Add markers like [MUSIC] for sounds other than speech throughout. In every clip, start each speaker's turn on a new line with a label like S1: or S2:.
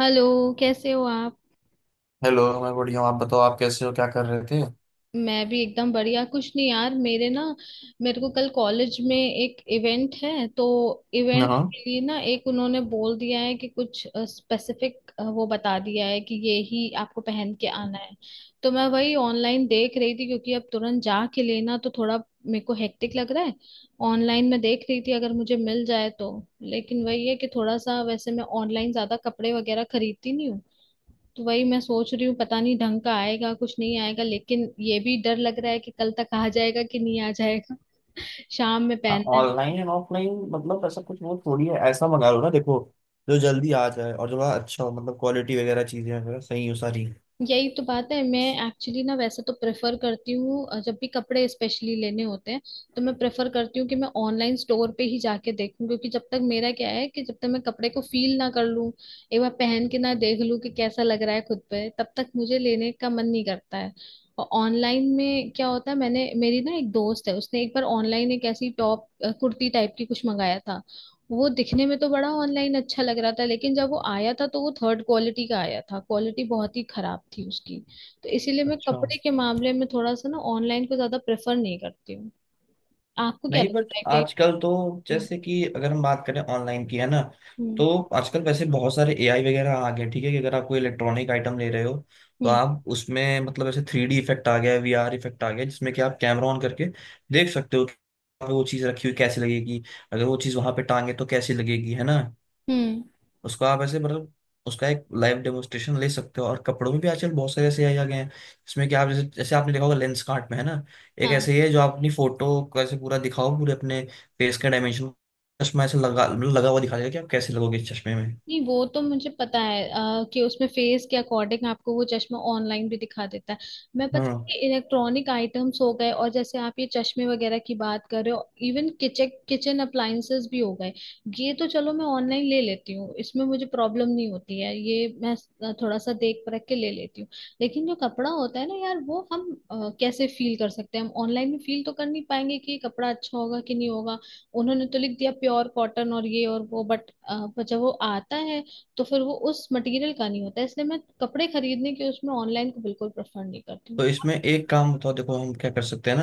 S1: Hello. कैसे हो आप?
S2: हेलो। मैं बढ़िया हूँ, आप बताओ आप कैसे हो, क्या कर रहे थे?
S1: मैं भी एकदम बढ़िया। कुछ नहीं यार, मेरे ना मेरे को कल कॉलेज में एक इवेंट है, तो इवेंट
S2: हाँ,
S1: के लिए ना एक उन्होंने बोल दिया है कि कुछ स्पेसिफिक वो बता दिया है कि ये ही आपको पहन के आना है। तो मैं वही ऑनलाइन देख रही थी क्योंकि अब तुरंत जा के लेना तो थोड़ा मेरे को हेक्टिक लग रहा है। ऑनलाइन मैं देख रही थी अगर मुझे मिल जाए तो। लेकिन वही है कि थोड़ा सा वैसे मैं ऑनलाइन ज्यादा कपड़े वगैरह खरीदती नहीं हूँ। तो वही मैं सोच रही हूँ पता नहीं ढंग का आएगा कुछ नहीं आएगा, लेकिन ये भी डर लग रहा है कि कल तक आ जाएगा कि नहीं आ जाएगा। शाम में पहनना है।
S2: ऑनलाइन एंड ऑफलाइन मतलब ऐसा कुछ वो थोड़ी है, ऐसा मंगा लो ना, देखो जो जल्दी आ जाए और जो बड़ा अच्छा हो, मतलब क्वालिटी वगैरह चीजें वगैरह सही हो सारी।
S1: यही तो बात है। मैं एक्चुअली ना वैसे तो प्रेफर करती हूँ जब भी कपड़े स्पेशली लेने होते हैं तो मैं प्रेफर करती हूँ कि मैं ऑनलाइन स्टोर पे ही जाके देखूँ, क्योंकि जब तक मेरा क्या है कि जब तक मैं कपड़े को फील ना कर लूँ, एक बार पहन के ना देख लूँ कि कैसा लग रहा है खुद पे, तब तक मुझे लेने का मन नहीं करता है। और ऑनलाइन में क्या होता है, मैंने मेरी ना एक दोस्त है, उसने एक बार ऑनलाइन एक ऐसी टॉप कुर्ती टाइप की कुछ मंगाया था। वो दिखने में तो बड़ा ऑनलाइन अच्छा लग रहा था लेकिन जब वो आया था तो वो थर्ड क्वालिटी का आया था, क्वालिटी बहुत ही खराब थी उसकी। तो इसीलिए मैं
S2: अच्छा।
S1: कपड़े के मामले में थोड़ा सा ना ऑनलाइन को ज्यादा प्रेफर नहीं करती हूँ। आपको क्या
S2: नहीं, बट
S1: लगता है कि...
S2: आजकल तो,
S1: हम्म।
S2: जैसे कि अगर हम बात करें ऑनलाइन की, है ना,
S1: हम्म।
S2: तो आजकल वैसे बहुत सारे एआई वगैरह आ गए। ठीक है, कि अगर आप कोई इलेक्ट्रॉनिक आइटम ले रहे हो, तो आप उसमें मतलब ऐसे 3D इफेक्ट आ गया है, VR इफेक्ट आ गया जिसमें कि आप कैमरा ऑन करके देख सकते हो कि वहाँ पे वो चीज़ रखी हुई कैसी लगेगी, अगर वो चीज़ वहां पे टांगे तो कैसी लगेगी, है ना? उसको आप ऐसे, मतलब उसका एक लाइव डेमोस्ट्रेशन ले सकते हो। और कपड़ों में भी आजकल बहुत सारे ऐसे आ गए हैं जिसमें कि आप, जैसे जैसे आपने देखा होगा लेंस कार्ट में, है ना, एक
S1: हाँ।
S2: ऐसे ही है जो आप अपनी फोटो को ऐसे पूरा दिखाओ, पूरे अपने फेस के डायमेंशन, चश्मा ऐसे लगा, मतलब लगा हुआ दिखा देगा कि आप कैसे लगोगे इस चश्मे में।
S1: नहीं वो तो मुझे पता है कि उसमें फेस के अकॉर्डिंग आपको वो चश्मा ऑनलाइन भी दिखा देता है। मैं पता
S2: हाँ,
S1: है इलेक्ट्रॉनिक आइटम्स हो गए, और जैसे आप ये चश्मे वगैरह की बात कर रहे हो, इवन किचन किचन अप्लाइंसेस भी हो गए। ये तो चलो मैं ऑनलाइन ले लेती हूँ, इसमें मुझे प्रॉब्लम नहीं होती है, ये मैं थोड़ा सा देख परख के ले लेती हूँ। लेकिन जो कपड़ा होता है ना यार, वो हम कैसे फील कर सकते हैं? हम ऑनलाइन में फील तो कर नहीं पाएंगे कि ये कपड़ा अच्छा होगा कि नहीं होगा। उन्होंने तो लिख दिया प्योर कॉटन और ये और वो, बट जब वो आता है तो फिर वो उस मटेरियल का नहीं होता है। इसलिए मैं कपड़े खरीदने के उसमें ऑनलाइन को बिल्कुल प्रेफर नहीं करती हूँ।
S2: तो इसमें एक काम बताओ, देखो हम क्या कर सकते हैं ना।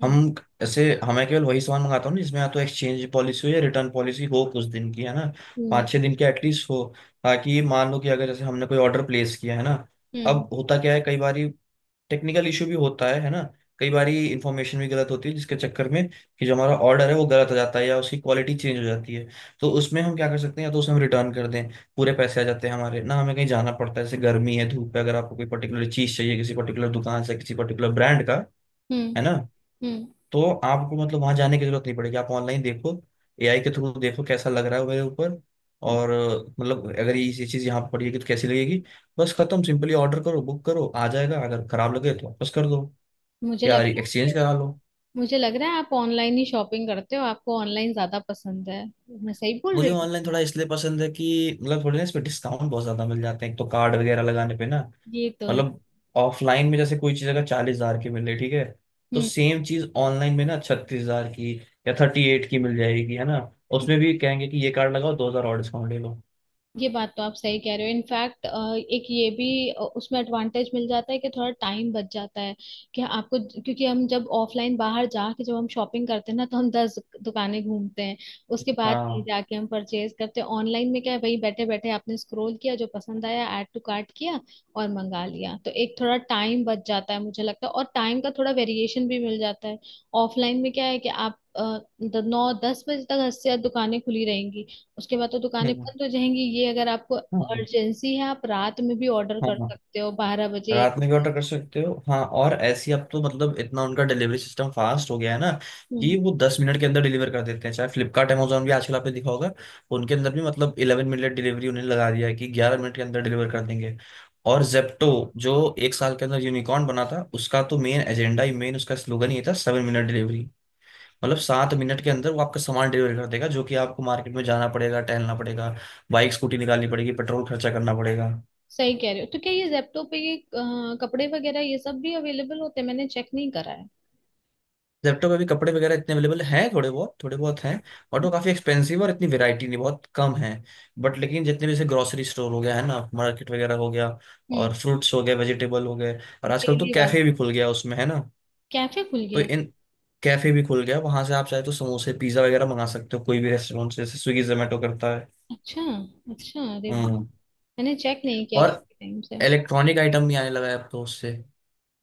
S1: हम्म।
S2: हम ऐसे हमें केवल वही सामान मंगाता हूँ ना जिसमें या तो एक्सचेंज पॉलिसी हो या रिटर्न पॉलिसी हो, कुछ दिन की, है ना,
S1: हम्म।
S2: पाँच छः दिन की एटलीस्ट हो। ताकि मान लो कि अगर जैसे हमने कोई ऑर्डर प्लेस किया है ना,
S1: हम्म।
S2: अब होता क्या है, कई बार टेक्निकल इशू भी होता है ना, कई बारी इंफॉर्मेशन भी गलत होती है, जिसके चक्कर में कि जो हमारा ऑर्डर है वो गलत हो जाता है या उसकी क्वालिटी चेंज हो जाती है। तो उसमें हम क्या कर सकते हैं, या तो उसे हम रिटर्न कर दें, पूरे पैसे आ जाते हैं हमारे। ना हमें कहीं जाना पड़ता है, जैसे गर्मी है, धूप है, अगर आपको कोई पर्टिकुलर चीज़ चाहिए किसी पर्टिकुलर दुकान से किसी पर्टिकुलर ब्रांड का, है ना,
S1: हम्म।
S2: तो आपको मतलब वहां जाने की जरूरत नहीं पड़ेगी, आप ऑनलाइन देखो, एआई के थ्रू देखो कैसा लग रहा है मेरे ऊपर।
S1: हम्म।
S2: और मतलब अगर ये चीज़ यहाँ पर पड़ी है, कि तो कैसी लगेगी, बस खत्म, सिंपली ऑर्डर करो, बुक करो, आ जाएगा, अगर खराब लगे तो वापस कर दो
S1: मुझे
S2: यार,
S1: लगता
S2: एक्सचेंज
S1: है
S2: करा लो।
S1: मुझे लग रहा है आप ऑनलाइन ही शॉपिंग करते हो, आपको ऑनलाइन ज्यादा पसंद है। मैं सही बोल
S2: मुझे
S1: रही हूँ?
S2: ऑनलाइन थोड़ा इसलिए पसंद है कि, मतलब थोड़े ना इसमें डिस्काउंट बहुत ज्यादा मिल जाते हैं एक तो, कार्ड वगैरह लगाने पे ना।
S1: ये तो है।
S2: मतलब ऑफलाइन में जैसे कोई चीज अगर 40,000 की मिल रही ठीक है, तो
S1: हम्म।
S2: सेम चीज ऑनलाइन में ना 36,000 की या 38 की मिल जाएगी, है ना। उसमें भी कहेंगे कि ये कार्ड लगाओ, 2,000 और डिस्काउंट ले लो।
S1: ये बात तो आप सही कह रहे हो। इनफैक्ट एक ये भी उसमें एडवांटेज मिल जाता है कि थोड़ा टाइम बच जाता है कि आपको, क्योंकि हम जब ऑफलाइन बाहर जाके जब हम शॉपिंग करते हैं ना, तो हम 10 दुकानें घूमते हैं, उसके बाद ही
S2: हाँ।
S1: जाके हम परचेज करते हैं। ऑनलाइन में क्या है, वही बैठे बैठे आपने स्क्रॉल किया, जो पसंद आया ऐड टू कार्ट किया और मंगा लिया, तो एक थोड़ा टाइम बच जाता है मुझे लगता है, और टाइम का थोड़ा वेरिएशन भी मिल जाता है। ऑफलाइन में क्या है कि आप 9-10 बजे तक 80 दुकानें खुली रहेंगी, उसके बाद तो दुकानें
S2: हम्म।
S1: बंद हो जाएंगी। ये अगर आपको
S2: हाँ।
S1: अर्जेंसी है, आप रात में भी ऑर्डर कर
S2: हाँ,
S1: सकते हो, 12 बजे।
S2: रात में भी ऑर्डर कर सकते हो। हाँ, और ऐसी अब तो मतलब इतना उनका डिलीवरी सिस्टम फास्ट हो गया है ना,
S1: हम्म।
S2: कि वो 10 मिनट के अंदर डिलीवर कर देते हैं। चाहे फ्लिपकार्ट अमेजोन भी आजकल आपने देखा होगा, उनके अंदर भी मतलब 11 मिनट डिलीवरी उन्हें लगा दिया है कि 11 मिनट के अंदर डिलीवर कर देंगे। और जेप्टो, जो एक साल के अंदर यूनिकॉर्न बना था, उसका तो मेन एजेंडा ही, मेन उसका स्लोगन ये था 7 मिनट डिलीवरी, मतलब 7 मिनट के अंदर वो आपका सामान डिलीवर कर देगा। जो कि आपको मार्केट में जाना पड़ेगा, टहलना पड़ेगा, बाइक स्कूटी निकालनी पड़ेगी, पेट्रोल खर्चा करना पड़ेगा।
S1: सही कह रहे हो, तो क्या ये जेप्टो पे ये कपड़े वगैरह ये सब भी अवेलेबल होते हैं? मैंने चेक नहीं करा है।
S2: जेप्टो पे भी कपड़े वगैरह इतने अवेलेबल हैं, थोड़े बहुत, थोड़े बहुत हैं, बट वो काफी एक्सपेंसिव और इतनी वैरायटी नहीं, बहुत कम है। बट लेकिन जितने भी, जैसे ग्रोसरी स्टोर हो गया है ना, मार्केट वगैरह हो गया
S1: हम्म।
S2: और फ्रूट्स हो गए, वेजिटेबल हो गए, और आजकल तो
S1: डेली वाला
S2: कैफे भी खुल गया उसमें, है ना।
S1: कैफे खुल
S2: तो
S1: गया है?
S2: इन, कैफे भी खुल गया, वहां से आप चाहे तो समोसे पिज्जा वगैरह मंगा सकते हो, कोई भी रेस्टोरेंट से, जैसे स्विगी जोमेटो करता है।
S1: अच्छा। अच्छा, अरे वाह!
S2: हम्म।
S1: मैंने चेक नहीं किया
S2: और
S1: काफी टाइम से।
S2: इलेक्ट्रॉनिक आइटम भी आने लगा है अब तो उससे।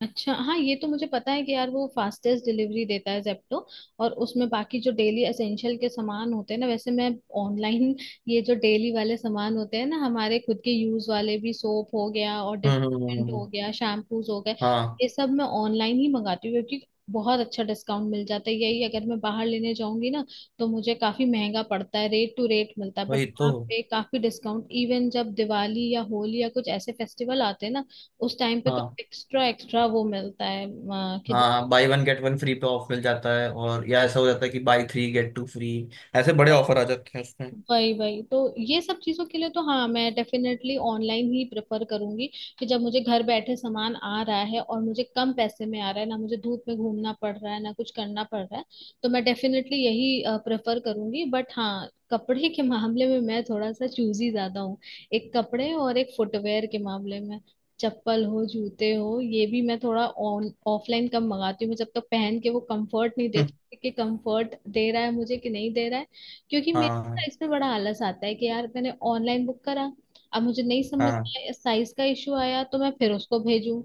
S1: अच्छा हाँ, ये तो मुझे पता है कि यार वो फास्टेस्ट डिलीवरी देता है जेप्टो। और उसमें बाकी जो डेली एसेंशियल के सामान होते हैं ना, वैसे मैं ऑनलाइन [LAUGHS] ये जो डेली वाले सामान होते हैं ना हमारे खुद के यूज वाले, भी सोप हो गया और
S2: हम्म,
S1: डिटर्जेंट हो
S2: हम्म।
S1: गया, शैम्पूज हो गए,
S2: हाँ,
S1: ये सब मैं ऑनलाइन ही मंगाती हूँ, क्योंकि बहुत अच्छा डिस्काउंट मिल जाता है। यही अगर मैं बाहर लेने जाऊंगी ना तो मुझे काफी महंगा पड़ता है, रेट टू रेट मिलता है। बट
S2: वही तो।
S1: यहाँ पे काफी डिस्काउंट, इवन जब दिवाली या होली या कुछ ऐसे फेस्टिवल आते हैं ना, उस टाइम पे तो
S2: हाँ,
S1: एक्स्ट्रा एक्स्ट्रा वो मिलता है कि...
S2: हाँ, buy one get one free पे ऑफ मिल जाता है, और या ऐसा हो जाता है कि buy three get two free. ऐसे बड़े ऑफर आ जाते हैं उसमें। [LAUGHS]
S1: वही वही तो, ये सब चीजों के लिए तो हाँ मैं डेफिनेटली ऑनलाइन ही प्रेफर करूंगी। कि जब मुझे घर बैठे सामान आ रहा है और मुझे कम पैसे में आ रहा है, ना मुझे धूप में घूमना पड़ रहा है ना कुछ करना पड़ रहा है, तो मैं डेफिनेटली यही प्रेफर करूंगी। बट हाँ, कपड़े के मामले में मैं थोड़ा सा चूजी ज्यादा हूँ। एक कपड़े और एक फुटवेयर के मामले में, चप्पल हो जूते हो, ये भी मैं थोड़ा ऑन ऑफलाइन कम मंगाती हूँ। मैं जब तक पहन के वो कंफर्ट नहीं
S2: हम्म,
S1: देखती कि कंफर्ट दे रहा है मुझे कि नहीं दे रहा है, क्योंकि
S2: हाँ,
S1: इसमें बड़ा आलस आता है कि यार मैंने ऑनलाइन बुक करा, अब मुझे नहीं समझ
S2: हाँ।
S1: में साइज का इशू आया तो मैं फिर उसको भेजूं,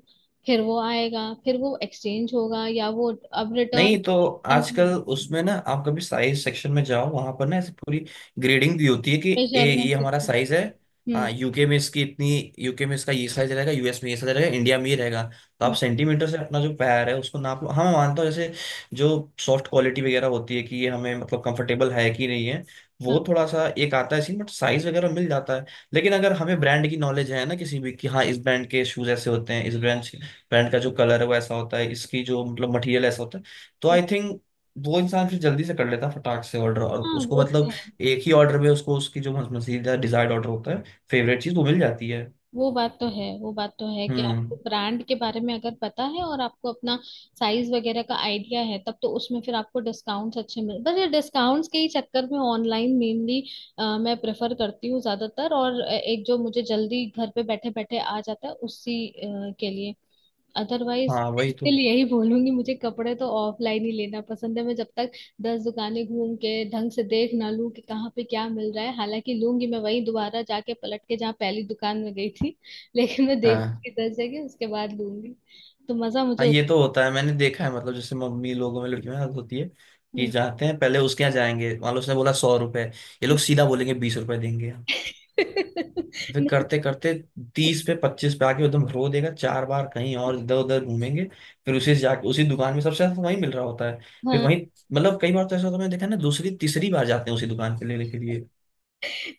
S1: फिर वो आएगा, फिर वो एक्सचेंज होगा या वो अब रिटर्न।
S2: नहीं तो आजकल उसमें ना, आप कभी साइज सेक्शन में जाओ, वहां पर ना ऐसी पूरी ग्रेडिंग दी होती है कि ए ये
S1: मेजरमेंट,
S2: हमारा साइज है।
S1: हम्म।
S2: हाँ, यूके में इसकी इतनी, UK में इसका ये साइज रहेगा, US में ये साइज रहेगा, इंडिया में ये रहेगा। तो आप
S1: हम्म।
S2: सेंटीमीटर से अपना जो पैर है उसको नाप लो। हाँ, मैं मानता हूँ जैसे जो सॉफ्ट क्वालिटी वगैरह होती है कि ये हमें मतलब कंफर्टेबल है कि नहीं है,
S1: हाँ।
S2: वो थोड़ा सा एक आता है सीन, बट साइज वगैरह मिल जाता है। लेकिन अगर हमें ब्रांड की नॉलेज है ना किसी भी, कि हाँ इस ब्रांड के शूज ऐसे होते हैं, इस ब्रांड ब्रांड का जो कलर है वो ऐसा होता है, इसकी जो मतलब मटेरियल ऐसा होता है, तो
S1: हम्म।
S2: आई थिंक वो इंसान फिर जल्दी से कर लेता, फटाक से ऑर्डर, और
S1: हाँ,
S2: उसको
S1: वो तो
S2: मतलब
S1: है।
S2: एक ही ऑर्डर में उसको उसकी जो मजीदा डिजायर्ड ऑर्डर होता है, फेवरेट चीज वो मिल जाती है।
S1: वो बात तो है वो बात तो है कि आपको
S2: हम्म।
S1: ब्रांड के बारे में अगर पता है और आपको अपना साइज वगैरह का आइडिया है, तब तो उसमें फिर आपको डिस्काउंट्स अच्छे मिल, बस ये डिस्काउंट्स के ही चक्कर में ऑनलाइन मेनली मैं प्रेफर करती हूँ ज्यादातर, और एक जो मुझे जल्दी घर पे बैठे बैठे आ जाता है उसी के लिए। अदरवाइज
S2: हाँ, वही तो।
S1: स्टिल यही बोलूंगी, मुझे कपड़े तो ऑफलाइन ही लेना पसंद है। मैं जब तक 10 दुकानें घूम के ढंग से देख ना लूं कि कहाँ पे क्या मिल रहा है, हालांकि लूंगी मैं वहीं दोबारा जाके पलट के जहाँ पहली दुकान में गई थी [LAUGHS] लेकिन मैं
S2: हाँ,
S1: देखूंगी 10 जगह, उसके बाद लूंगी, तो मजा
S2: हाँ,
S1: मुझे।
S2: ये तो होता है मैंने देखा है। मतलब जैसे मम्मी लोगों में, लड़कियों में आदत होती है कि
S1: हम्म।
S2: जाते हैं पहले उसके यहाँ जाएंगे, मान लो उसने बोला 100 रुपए, ये लोग सीधा बोलेंगे 20 रुपए देंगे।
S1: [LAUGHS]
S2: फिर
S1: नहीं।
S2: करते करते 30 पे, 25 पे आके एकदम रो देगा। चार बार कहीं और इधर उधर घूमेंगे, फिर उसी से जाके, उसी दुकान में सबसे ज्यादा वही मिल रहा होता है, फिर
S1: हाँ,
S2: वही, मतलब कई बार तो ऐसा होता है मैंने देखा है ना, दूसरी तीसरी बार जाते हैं उसी दुकान पे लेने के लिए।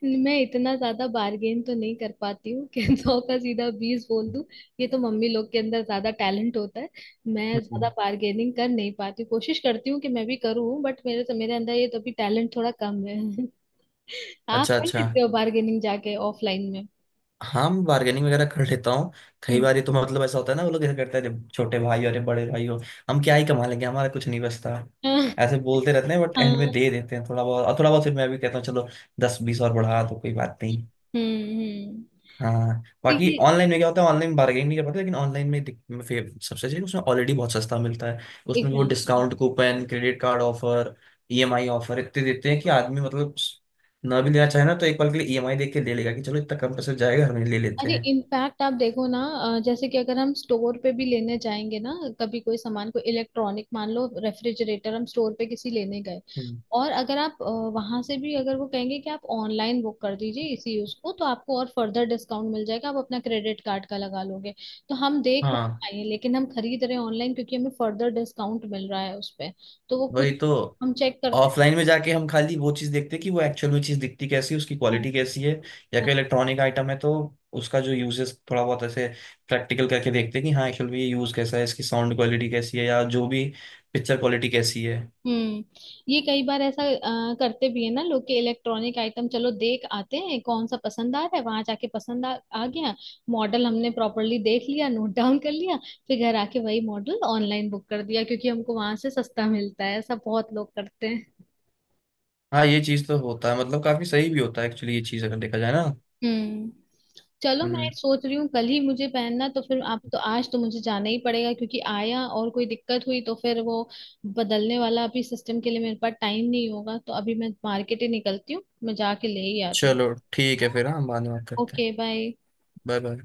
S1: मैं इतना ज्यादा बार्गेन तो नहीं कर पाती हूँ कि [LAUGHS] 100 का सीधा 20 बोल दूं, ये तो मम्मी लोग के अंदर ज्यादा टैलेंट होता है। मैं ज्यादा
S2: हम्म।
S1: बार्गेनिंग कर नहीं पाती, कोशिश करती हूँ कि मैं भी करूँ बट मेरे से, मेरे अंदर ये तो भी टैलेंट थोड़ा कम है। [LAUGHS] आप
S2: अच्छा,
S1: कर
S2: अच्छा।
S1: लेते हो बार्गेनिंग जाके ऑफलाइन में?
S2: हाँ, मैं बार्गेनिंग वगैरह कर लेता हूँ। कई
S1: हम्म।
S2: बार ये तो मतलब ऐसा होता है ना, वो लोग ऐसा करते हैं, "अरे छोटे भाई, अरे बड़े भाई हो, हम क्या ही कमा लेंगे, हमारा कुछ नहीं बचता"।
S1: [LAUGHS] हाँ।
S2: ऐसे बोलते रहते हैं, बट एंड में
S1: हाँ।
S2: दे देते हैं थोड़ा बहुत, और थोड़ा बहुत फिर मैं भी कहता हूँ चलो दस बीस और बढ़ा दो, कोई बात नहीं।
S1: हम्म। हम्म।
S2: हाँ,
S1: ठीक
S2: बाकी
S1: है।
S2: ऑनलाइन में क्या होता है, ऑनलाइन बार्गेनिंग नहीं कर पाते, लेकिन ऑनलाइन में सबसे अच्छी उसमें ऑलरेडी बहुत सस्ता मिलता है। उसमें वो
S1: exactly.
S2: Discount coupon, credit card offer, EMI offer इतने देते हैं कि आदमी, मतलब ना भी लेना चाहे ना तो एक पल के लिए ईएमआई देख के ले लेगा कि चलो इतना कम पैसे जाएगा, हम ये ले लेते
S1: अरे
S2: हैं।
S1: इम्पैक्ट आप देखो ना, जैसे कि अगर हम स्टोर पे भी लेने जाएंगे ना, कभी कोई सामान, कोई इलेक्ट्रॉनिक मान लो रेफ्रिजरेटर हम स्टोर पे किसी लेने गए,
S2: हम्म।
S1: और अगर आप वहां से भी, अगर वो कहेंगे कि आप ऑनलाइन बुक कर दीजिए इसी यूज को तो आपको और फर्दर डिस्काउंट मिल जाएगा, आप अपना क्रेडिट कार्ड का लगा लोगे, तो हम देख वहाँ
S2: हाँ,
S1: पाएंगे लेकिन हम खरीद रहे हैं ऑनलाइन क्योंकि हमें फर्दर डिस्काउंट मिल रहा है उस पे। तो वो
S2: वही
S1: खुद
S2: तो।
S1: हम चेक करते हैं।
S2: ऑफलाइन में जाके हम खाली वो चीज देखते हैं कि वो एक्चुअल में चीज दिखती कैसी है, उसकी
S1: हाँ हाँ।
S2: क्वालिटी कैसी है, या कोई इलेक्ट्रॉनिक आइटम है तो उसका जो यूजेस थोड़ा बहुत ऐसे प्रैक्टिकल करके देखते हैं कि हाँ एक्चुअल में ये यूज कैसा है, इसकी साउंड क्वालिटी कैसी है, या जो भी पिक्चर क्वालिटी कैसी है।
S1: हम्म। ये कई बार ऐसा करते भी है ना लोग, के इलेक्ट्रॉनिक आइटम चलो देख आते हैं कौन सा पसंद आ रहा है, वहां जाके पसंद आ गया, मॉडल हमने प्रॉपरली देख लिया, नोट डाउन कर लिया, फिर घर आके वही मॉडल ऑनलाइन बुक कर दिया क्योंकि हमको वहां से सस्ता मिलता है, ऐसा बहुत लोग करते हैं।
S2: हाँ, ये चीज तो होता है, मतलब काफी सही भी होता है एक्चुअली ये चीज, अगर देखा जाए ना।
S1: हम्म। चलो मैं
S2: हम्म।
S1: सोच रही हूँ कल ही मुझे पहनना, तो फिर आप तो आज तो मुझे जाना ही पड़ेगा क्योंकि आया और कोई दिक्कत हुई तो फिर वो बदलने वाला अभी सिस्टम के लिए मेरे पास टाइम नहीं होगा, तो अभी मैं मार्केट ही निकलती हूँ, मैं जाके ले ही आती हूँ।
S2: चलो ठीक है फिर, हाँ बाद में बात करते हैं।
S1: Okay bye.
S2: Bye bye.